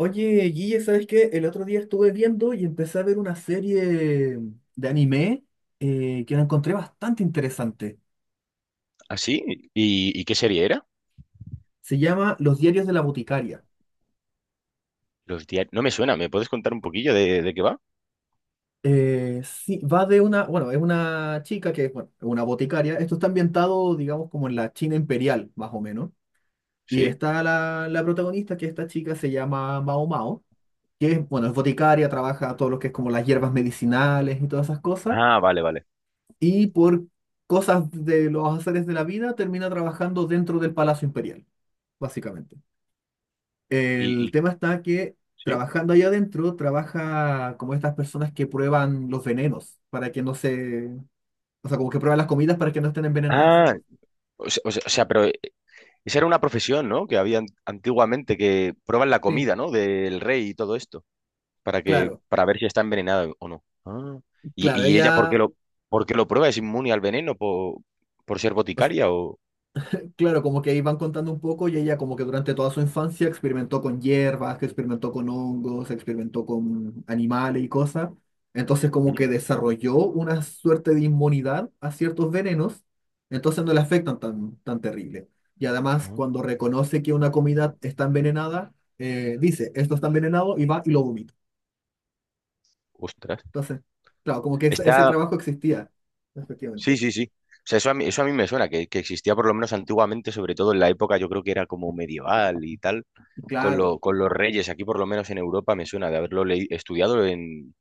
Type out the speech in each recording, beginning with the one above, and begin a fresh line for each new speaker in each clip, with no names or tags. Oye, Guille, ¿sabes qué? El otro día estuve viendo y empecé a ver una serie de anime que la encontré bastante interesante.
¿Ah, sí? ¿Y qué serie era?
Se llama Los diarios de la boticaria.
Los diarios. No me suena, ¿me puedes contar un poquillo de qué va?
Sí, va de una, bueno, es una chica que es bueno, es una boticaria. Esto está ambientado, digamos, como en la China imperial, más o menos. Y
¿Sí?
está la protagonista, que esta chica se llama Mao Mao, que es, bueno, es boticaria, trabaja todo lo que es como las hierbas medicinales y todas esas cosas.
Ah, vale, vale.
Y por cosas de los azares de la vida termina trabajando dentro del Palacio Imperial, básicamente.
¿Y,
El
y-
tema está que
sí?
trabajando allá adentro, trabaja como estas personas que prueban los venenos para que no se, o sea, como que prueban las comidas para que no estén envenenadas.
Ah, o sea, pero esa era una profesión, ¿no? Que había antiguamente que prueban la
Sí,
comida, ¿no? Del rey y todo esto,
claro,
para ver si está envenenada o no. Ah. ¿Y,
claro,
y ella
ella,
por qué lo prueba? ¿Es inmune al veneno por ser
o sea,
boticaria o...?
claro, como que ahí van contando un poco y ella como que durante toda su infancia experimentó con hierbas, que experimentó con hongos, experimentó con animales y cosas. Entonces como
¿Mm?
que desarrolló una suerte de inmunidad a ciertos venenos, entonces no le afectan tan, tan terrible. Y además
Ah,
cuando reconoce que una comida está envenenada, dice, esto está envenenado y va y lo vomita.
ostras.
Entonces, claro, como que ese
Está,
trabajo existía,
Sí,
efectivamente.
sí, sí. O sea, eso a mí me suena, que existía por lo menos antiguamente, sobre todo en la época. Yo creo que era como medieval y tal,
Y claro,
con los reyes. Aquí por lo menos en Europa me suena de haberlo estudiado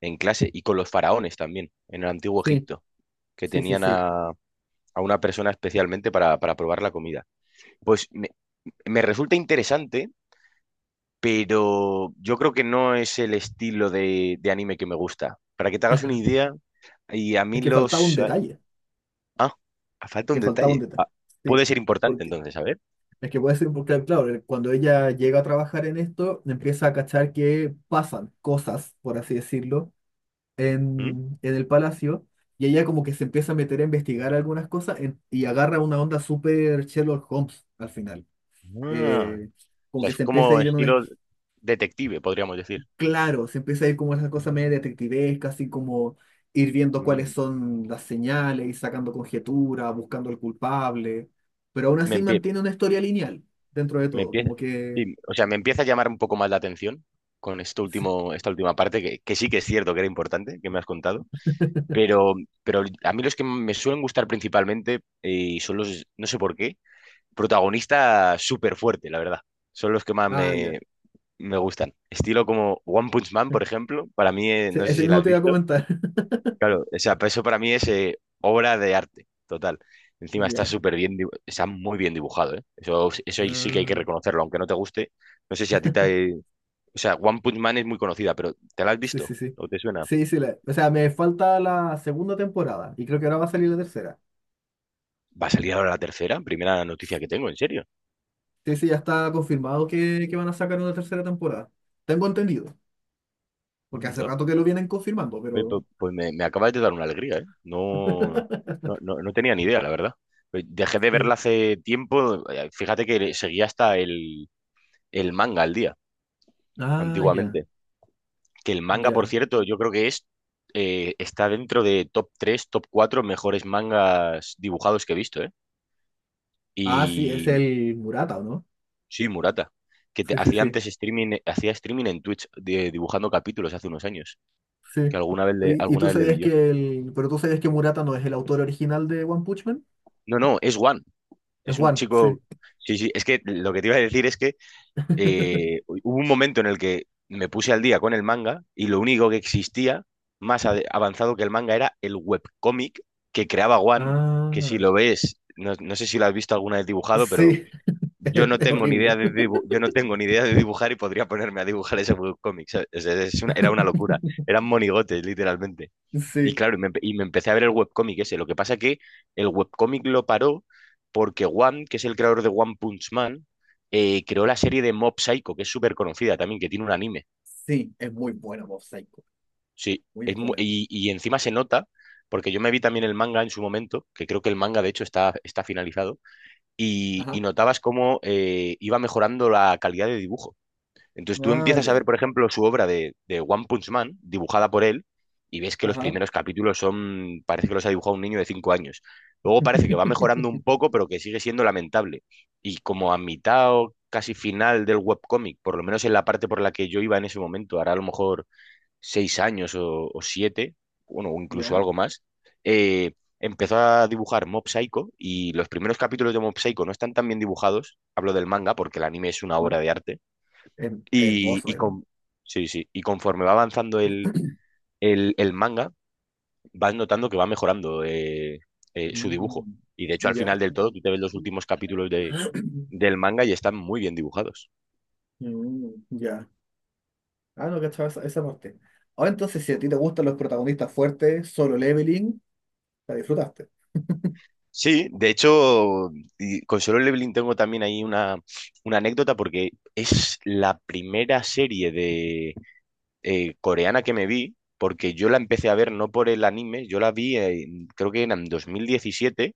en clase, y con los faraones también, en el antiguo
sí,
Egipto, que
sí, sí,
tenían
sí.
a una persona especialmente para probar la comida. Pues me resulta interesante, pero yo creo que no es el estilo de anime que me gusta. Para que te hagas una idea, y a
Es
mí
que faltaba un
los...
detalle.
Ah, ah, falta un
Que faltaba un
detalle.
detalle.
Ah,
Sí,
puede ser importante
porque
entonces, a ver.
es que puede ser, porque claro, cuando ella llega a trabajar en esto, empieza a cachar que pasan cosas, por así decirlo,
¿Mm?
en el palacio, y ella como que se empieza a meter a investigar algunas cosas y agarra una onda súper Sherlock Holmes al final.
Ah,
Eh,
o
como
sea,
que
es
se empieza a
como
ir en un,
estilo detective, podríamos decir.
claro, se empieza a ir como esa cosa media
Mm.
detectivesca, así como ir viendo cuáles
Mm.
son las señales, ir sacando conjeturas, buscando al culpable, pero aún
Me
así
empie-
mantiene una historia lineal dentro de
Me
todo,
empieza,
como que...
sí, o sea, me empieza a llamar un poco más la atención con esto último, esta última parte, que sí que es cierto que era importante, que me has contado, pero, pero a mí los que me suelen gustar principalmente, son los, no sé por qué, protagonista súper fuerte, la verdad. Son los que más
Ah, ya.
me gustan. Estilo como One Punch Man, por ejemplo, para mí,
Sí,
no sé
ese
si la
mismo
has
te iba a
visto.
comentar.
Claro, o sea, pues eso para mí es, obra de arte, total. Encima está
Ya.
súper bien, está muy bien dibujado, ¿eh? Eso ahí sí que hay que
Ah,
reconocerlo, aunque no te guste. No sé si a ti te... O sea, One Punch Man es muy conocida, pero ¿te la has
sí, sí,
visto?
sí.
¿O te suena?
Sí, sí, o sea, me falta la segunda temporada y creo que ahora va a salir la tercera.
Va a salir ahora la tercera, primera noticia que tengo, en serio.
Sí, sí, ya está confirmado que van a sacar una tercera temporada. Tengo entendido, porque hace
Anda.
rato que lo vienen confirmando,
Oye,
pero...
pues me acabas de dar una alegría, ¿eh? No, no, no, no tenía ni idea, la verdad. Pues dejé de
Sí.
verla hace tiempo. Fíjate que seguía hasta el manga al día,
Ah, ya,
antiguamente. Que el manga, por
ya.
cierto, yo creo que es, está dentro de top 3, top 4 mejores mangas dibujados que he visto, ¿eh?
Ah, sí, es
Y
el Murata, ¿o no?
sí, Murata, que
Sí, sí,
hacía
sí,
antes streaming en Twitch, dibujando capítulos hace unos años, que
sí. ¿Y
alguna
tú
vez le
sabías
vi yo.
que el, pero tú sabías que Murata no es el autor original de One Punch Man?
No, no, es One.
Es
Es un
One, sí.
chico. Sí, sí, es que lo que te iba a decir es que, hubo un momento en el que me puse al día con el manga y lo único que existía avanzado que el manga era el webcómic que creaba One, que si
Ah,
lo ves, no sé si lo has visto alguna vez dibujado, pero
sí, es horrible.
yo no tengo ni idea de dibujar y podría ponerme a dibujar ese webcómic, ¿sabes? O es era una locura, eran monigotes, literalmente. Y
Sí,
claro, y me empecé a ver el webcómic ese. Lo que pasa que el webcómic lo paró porque One, que es el creador de One Punch Man, creó la serie de Mob Psycho, que es súper conocida también, que tiene un anime.
sí, es muy buena Mob Psycho,
Sí,
muy buena.
y encima se nota, porque yo me vi también el manga en su momento, que creo que el manga de hecho está finalizado,
Ajá.
y notabas cómo, iba mejorando la calidad de dibujo. Entonces tú
Ah,
empiezas a ver,
ya,
por ejemplo, su obra de One Punch Man, dibujada por él, y ves que los
ajá.
primeros capítulos son, parece que los ha dibujado un niño de 5 años. Luego parece que va mejorando un poco, pero que sigue siendo lamentable. Y como a mitad o casi final del webcómic, por lo menos en la parte por la que yo iba en ese momento, hará a lo mejor 6 años o 7, bueno, o incluso
Ya,
algo más. eh, Empezó a dibujar Mob Psycho y los primeros capítulos de Mob Psycho no están tan bien dibujados, hablo del manga porque el anime es una
ah,
obra de arte, y,
hermoso
y
él.
con, sí, sí, y conforme va avanzando el manga, vas notando que va mejorando, su dibujo.
Mm,
Y de hecho, al final
ya.
del todo, tú te ves los últimos capítulos del manga y están muy bien dibujados.
Mm, ya. Ah, no, cachaba esa parte. Ahora entonces, si a ti te gustan los protagonistas fuertes, Solo Leveling, la disfrutaste.
Sí, de hecho, y con Solo Leveling tengo también ahí una anécdota porque es la primera serie de, coreana que me vi, porque yo la empecé a ver no por el anime, yo la vi, creo que en 2017,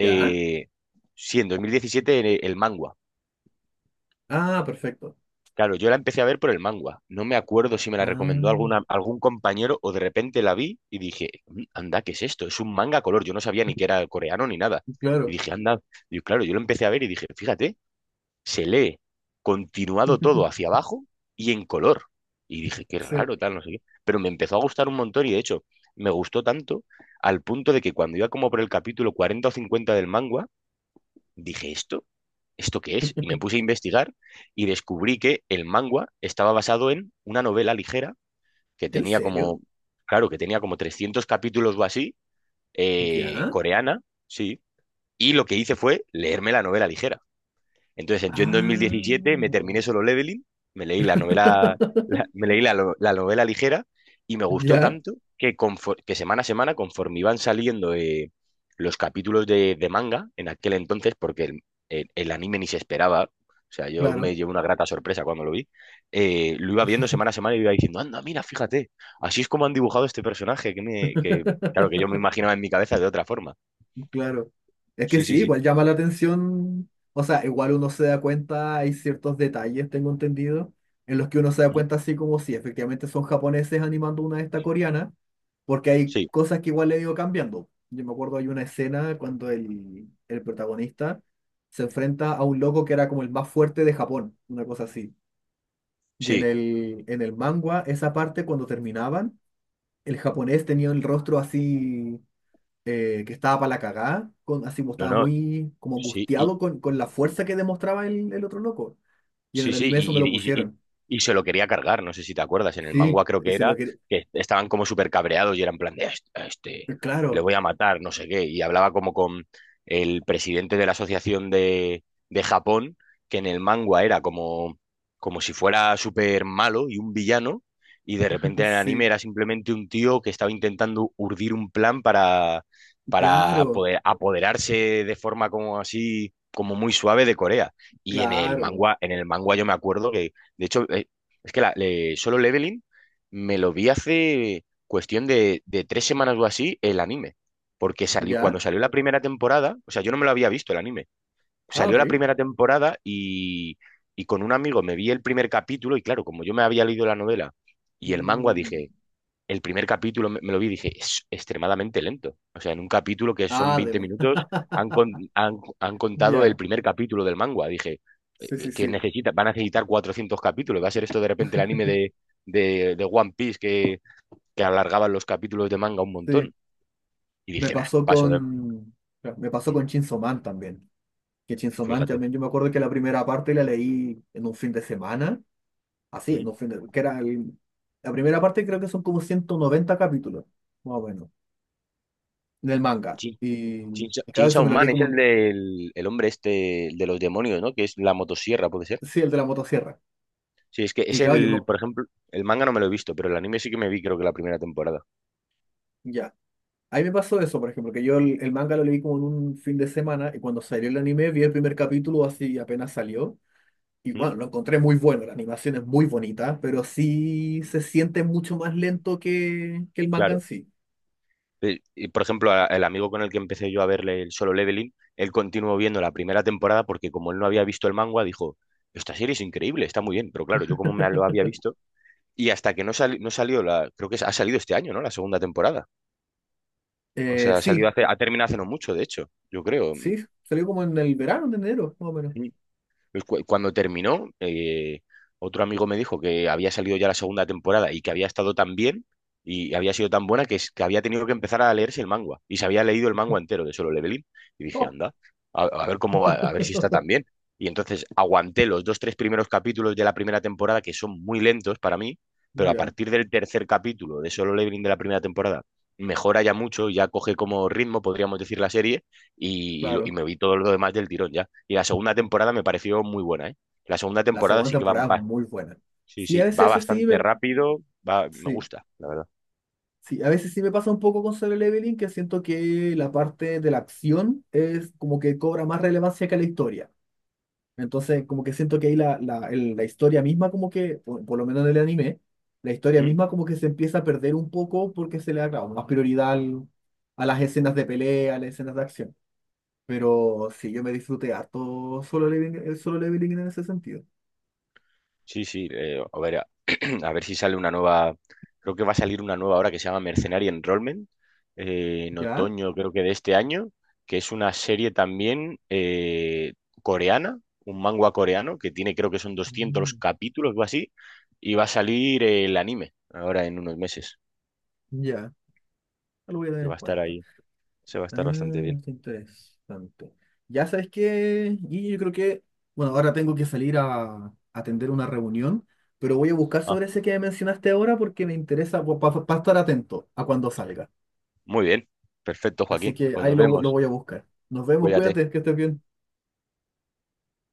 ¿Ya?
sí, en 2017 el manga.
Ah, perfecto.
Claro, yo la empecé a ver por el manga. No me acuerdo si me la recomendó
Ah,
algún compañero o de repente la vi y dije: "Mm, anda, ¿qué es esto? Es un manga a color". Yo no sabía ni que era coreano ni nada. Y
claro.
dije, anda. Y claro, yo lo empecé a ver y dije, fíjate, se lee continuado todo hacia abajo y en color. Y dije, qué
Sí.
raro, tal, no sé qué. Pero me empezó a gustar un montón y, de hecho, me gustó tanto al punto de que cuando iba como por el capítulo 40 o 50 del manga, dije: "¿Esto? ¿Esto qué es?". Y me puse a investigar y descubrí que el manga estaba basado en una novela ligera que
¿En
tenía
serio?
como, claro, que tenía como 300 capítulos o así,
¿Ya?
coreana, sí. Y lo que hice fue leerme la novela ligera. Entonces, yo en 2017 me
Ah.
terminé Solo Leveling, me leí la novela, me leí la novela ligera y me gustó
¿Ya?
tanto que, que semana a semana, conforme iban saliendo, los capítulos de manga en aquel entonces, porque el anime ni se esperaba. O sea, yo me
Claro.
llevé una grata sorpresa cuando lo vi, lo iba viendo semana a semana y iba diciendo, anda, mira, fíjate, así es como han dibujado este personaje, que claro, que yo me imaginaba en mi cabeza de otra forma.
Claro. Es que
Sí, sí,
sí,
sí.
igual llama la atención. O sea, igual uno se da cuenta, hay ciertos detalles, tengo entendido, en los que uno se da
¿Y?
cuenta así como si efectivamente son japoneses animando una de estas coreanas. Porque hay
Sí,
cosas que igual le he ido cambiando. Yo me acuerdo hay una escena cuando el protagonista se enfrenta a un loco que era como el más fuerte de Japón, una cosa así. Y en
sí,
el, en el manga, esa parte cuando terminaban, el japonés tenía el rostro así, que estaba para la cagá, con, así como
no,
estaba
no,
muy como
sí.
angustiado con la fuerza que demostraba el otro loco. Y en el
Sí, sí,
anime
y,
es donde lo
y- y-
pusieron.
y- se lo quería cargar, no sé si te acuerdas. En el
Sí,
manga creo
y
que
se lo
era,
quería.
que estaban como súper cabreados y eran en plan de: "A este, le
Claro,
voy a matar, no sé qué", y hablaba como con el presidente de la asociación de Japón, que en el manga era como, como si fuera súper malo y un villano, y de repente en el anime
sí,
era simplemente un tío que estaba intentando urdir un plan para
claro,
poder apoderarse de forma como así, como muy suave, de Corea. Y en el
claro.
manga, en el manga yo me acuerdo que, de hecho, es que Solo Leveling me lo vi hace cuestión de 3 semanas o así el anime. Porque
¿Ya?
cuando salió la primera temporada, o sea, yo no me lo había visto el anime.
Ah,
Salió
ok.
la primera temporada y con un amigo me vi el primer capítulo y claro, como yo me había leído la novela y el manga,
Mm.
dije, el primer capítulo me lo vi y dije, es extremadamente lento. O sea, en un capítulo que son
Ah,
20
demo.
minutos, han contado el
Ya.
primer capítulo del manga. Dije,
Sí, sí, sí.
van a necesitar 400 capítulos. Va a ser esto de repente el anime de One Piece, que alargaban los capítulos de manga un
Sí.
montón. Y
Me
dije: "Nah,
pasó
paso de...".
con. Me pasó
Mm,
con Chainsaw Man también. Que Chainsaw Man
Fíjate.
también, yo me acuerdo que la primera parte la leí en un fin de semana. Así, en
Mm,
un fin de. Que era la primera parte creo que son como 190 capítulos, más o menos, en el manga.
Chin,
Y,
Chin,
y claro, eso
Chin
me lo leí
Man es
como,
el del el hombre este, el de los demonios, ¿no? Que es la motosierra, puede ser.
sí, el de la motosierra.
Sí, es que
Y
es
claro, yo me.
por ejemplo, el manga no me lo he visto, pero el anime sí que me vi creo que la primera temporada.
Ya. Ahí me pasó eso, por ejemplo, que yo el manga lo leí como en un fin de semana y cuando salió el anime vi el primer capítulo así apenas salió. Y
¿Mm?
bueno, lo encontré muy bueno, la animación es muy bonita, pero sí se siente mucho más lento que el manga en
Claro.
sí.
Y, por ejemplo, el amigo con el que empecé yo a verle el Solo Leveling, él continuó viendo la primera temporada porque, como él no había visto el manga, dijo, esta serie es increíble, está muy bien, pero claro, yo como me lo había visto, y hasta que no salió creo que ha salido este año, ¿no? La segunda temporada. O sea,
Sí,
ha terminado hace no mucho, de hecho, yo creo.
sí, salió como en el verano, en enero, más o menos.
Pues cuando terminó, otro amigo me dijo que había salido ya la segunda temporada y que había estado tan bien y había sido tan buena que había tenido que empezar a leerse el manga. Y se había leído el manga entero de Solo Leveling. Y dije,
Oh,
anda, a ver si está tan bien. Y entonces aguanté los dos, tres primeros capítulos de la primera temporada, que son muy lentos para mí, pero a
ya,
partir del tercer capítulo de Solo Leveling de la primera temporada, mejora ya mucho, ya coge como ritmo, podríamos decir, la serie, y
claro.
me vi todo lo demás del tirón ya. Y la segunda temporada me pareció muy buena, ¿eh? La segunda
La
temporada
segunda
sí que
temporada es muy buena.
sí,
Sí, a
sí, va
veces eso sí
bastante
me...
rápido, va, me
Sí,
gusta, la verdad.
sí, a veces sí me pasa un poco con Solo Leveling, que siento que la parte de la acción es como que cobra más relevancia que la historia. Entonces, como que siento que ahí la historia misma, como que, por lo menos en el anime, la historia
¿Mm?
misma como que se empieza a perder un poco porque se le da, claro, más prioridad a las escenas de pelea, a las escenas de acción. Pero sí, yo me disfruté harto solo leveling, el solo leveling en ese sentido.
Sí, sí, a ver, a ver si sale una nueva, creo que va a salir una nueva ahora que se llama Mercenary Enrollment, en
¿Ya?
otoño creo que de este año, que es una serie también, coreana, un manga coreano, que tiene creo que son doscientos
Mm,
capítulos o así, y va a salir, el anime ahora en unos meses,
ya, lo voy a tener
que va
en
a estar
cuenta.
ahí, se va a
Ah,
estar bastante bien.
qué interesante. Ya sabes que, y yo creo que, bueno, ahora tengo que salir a atender una reunión, pero voy a buscar sobre ese que mencionaste ahora porque me interesa para estar atento a cuando salga.
Muy bien, perfecto,
Así
Joaquín.
que
Pues
ahí
nos
lo
vemos.
voy a buscar. Nos vemos,
Cuídate.
cuídate, que estés bien.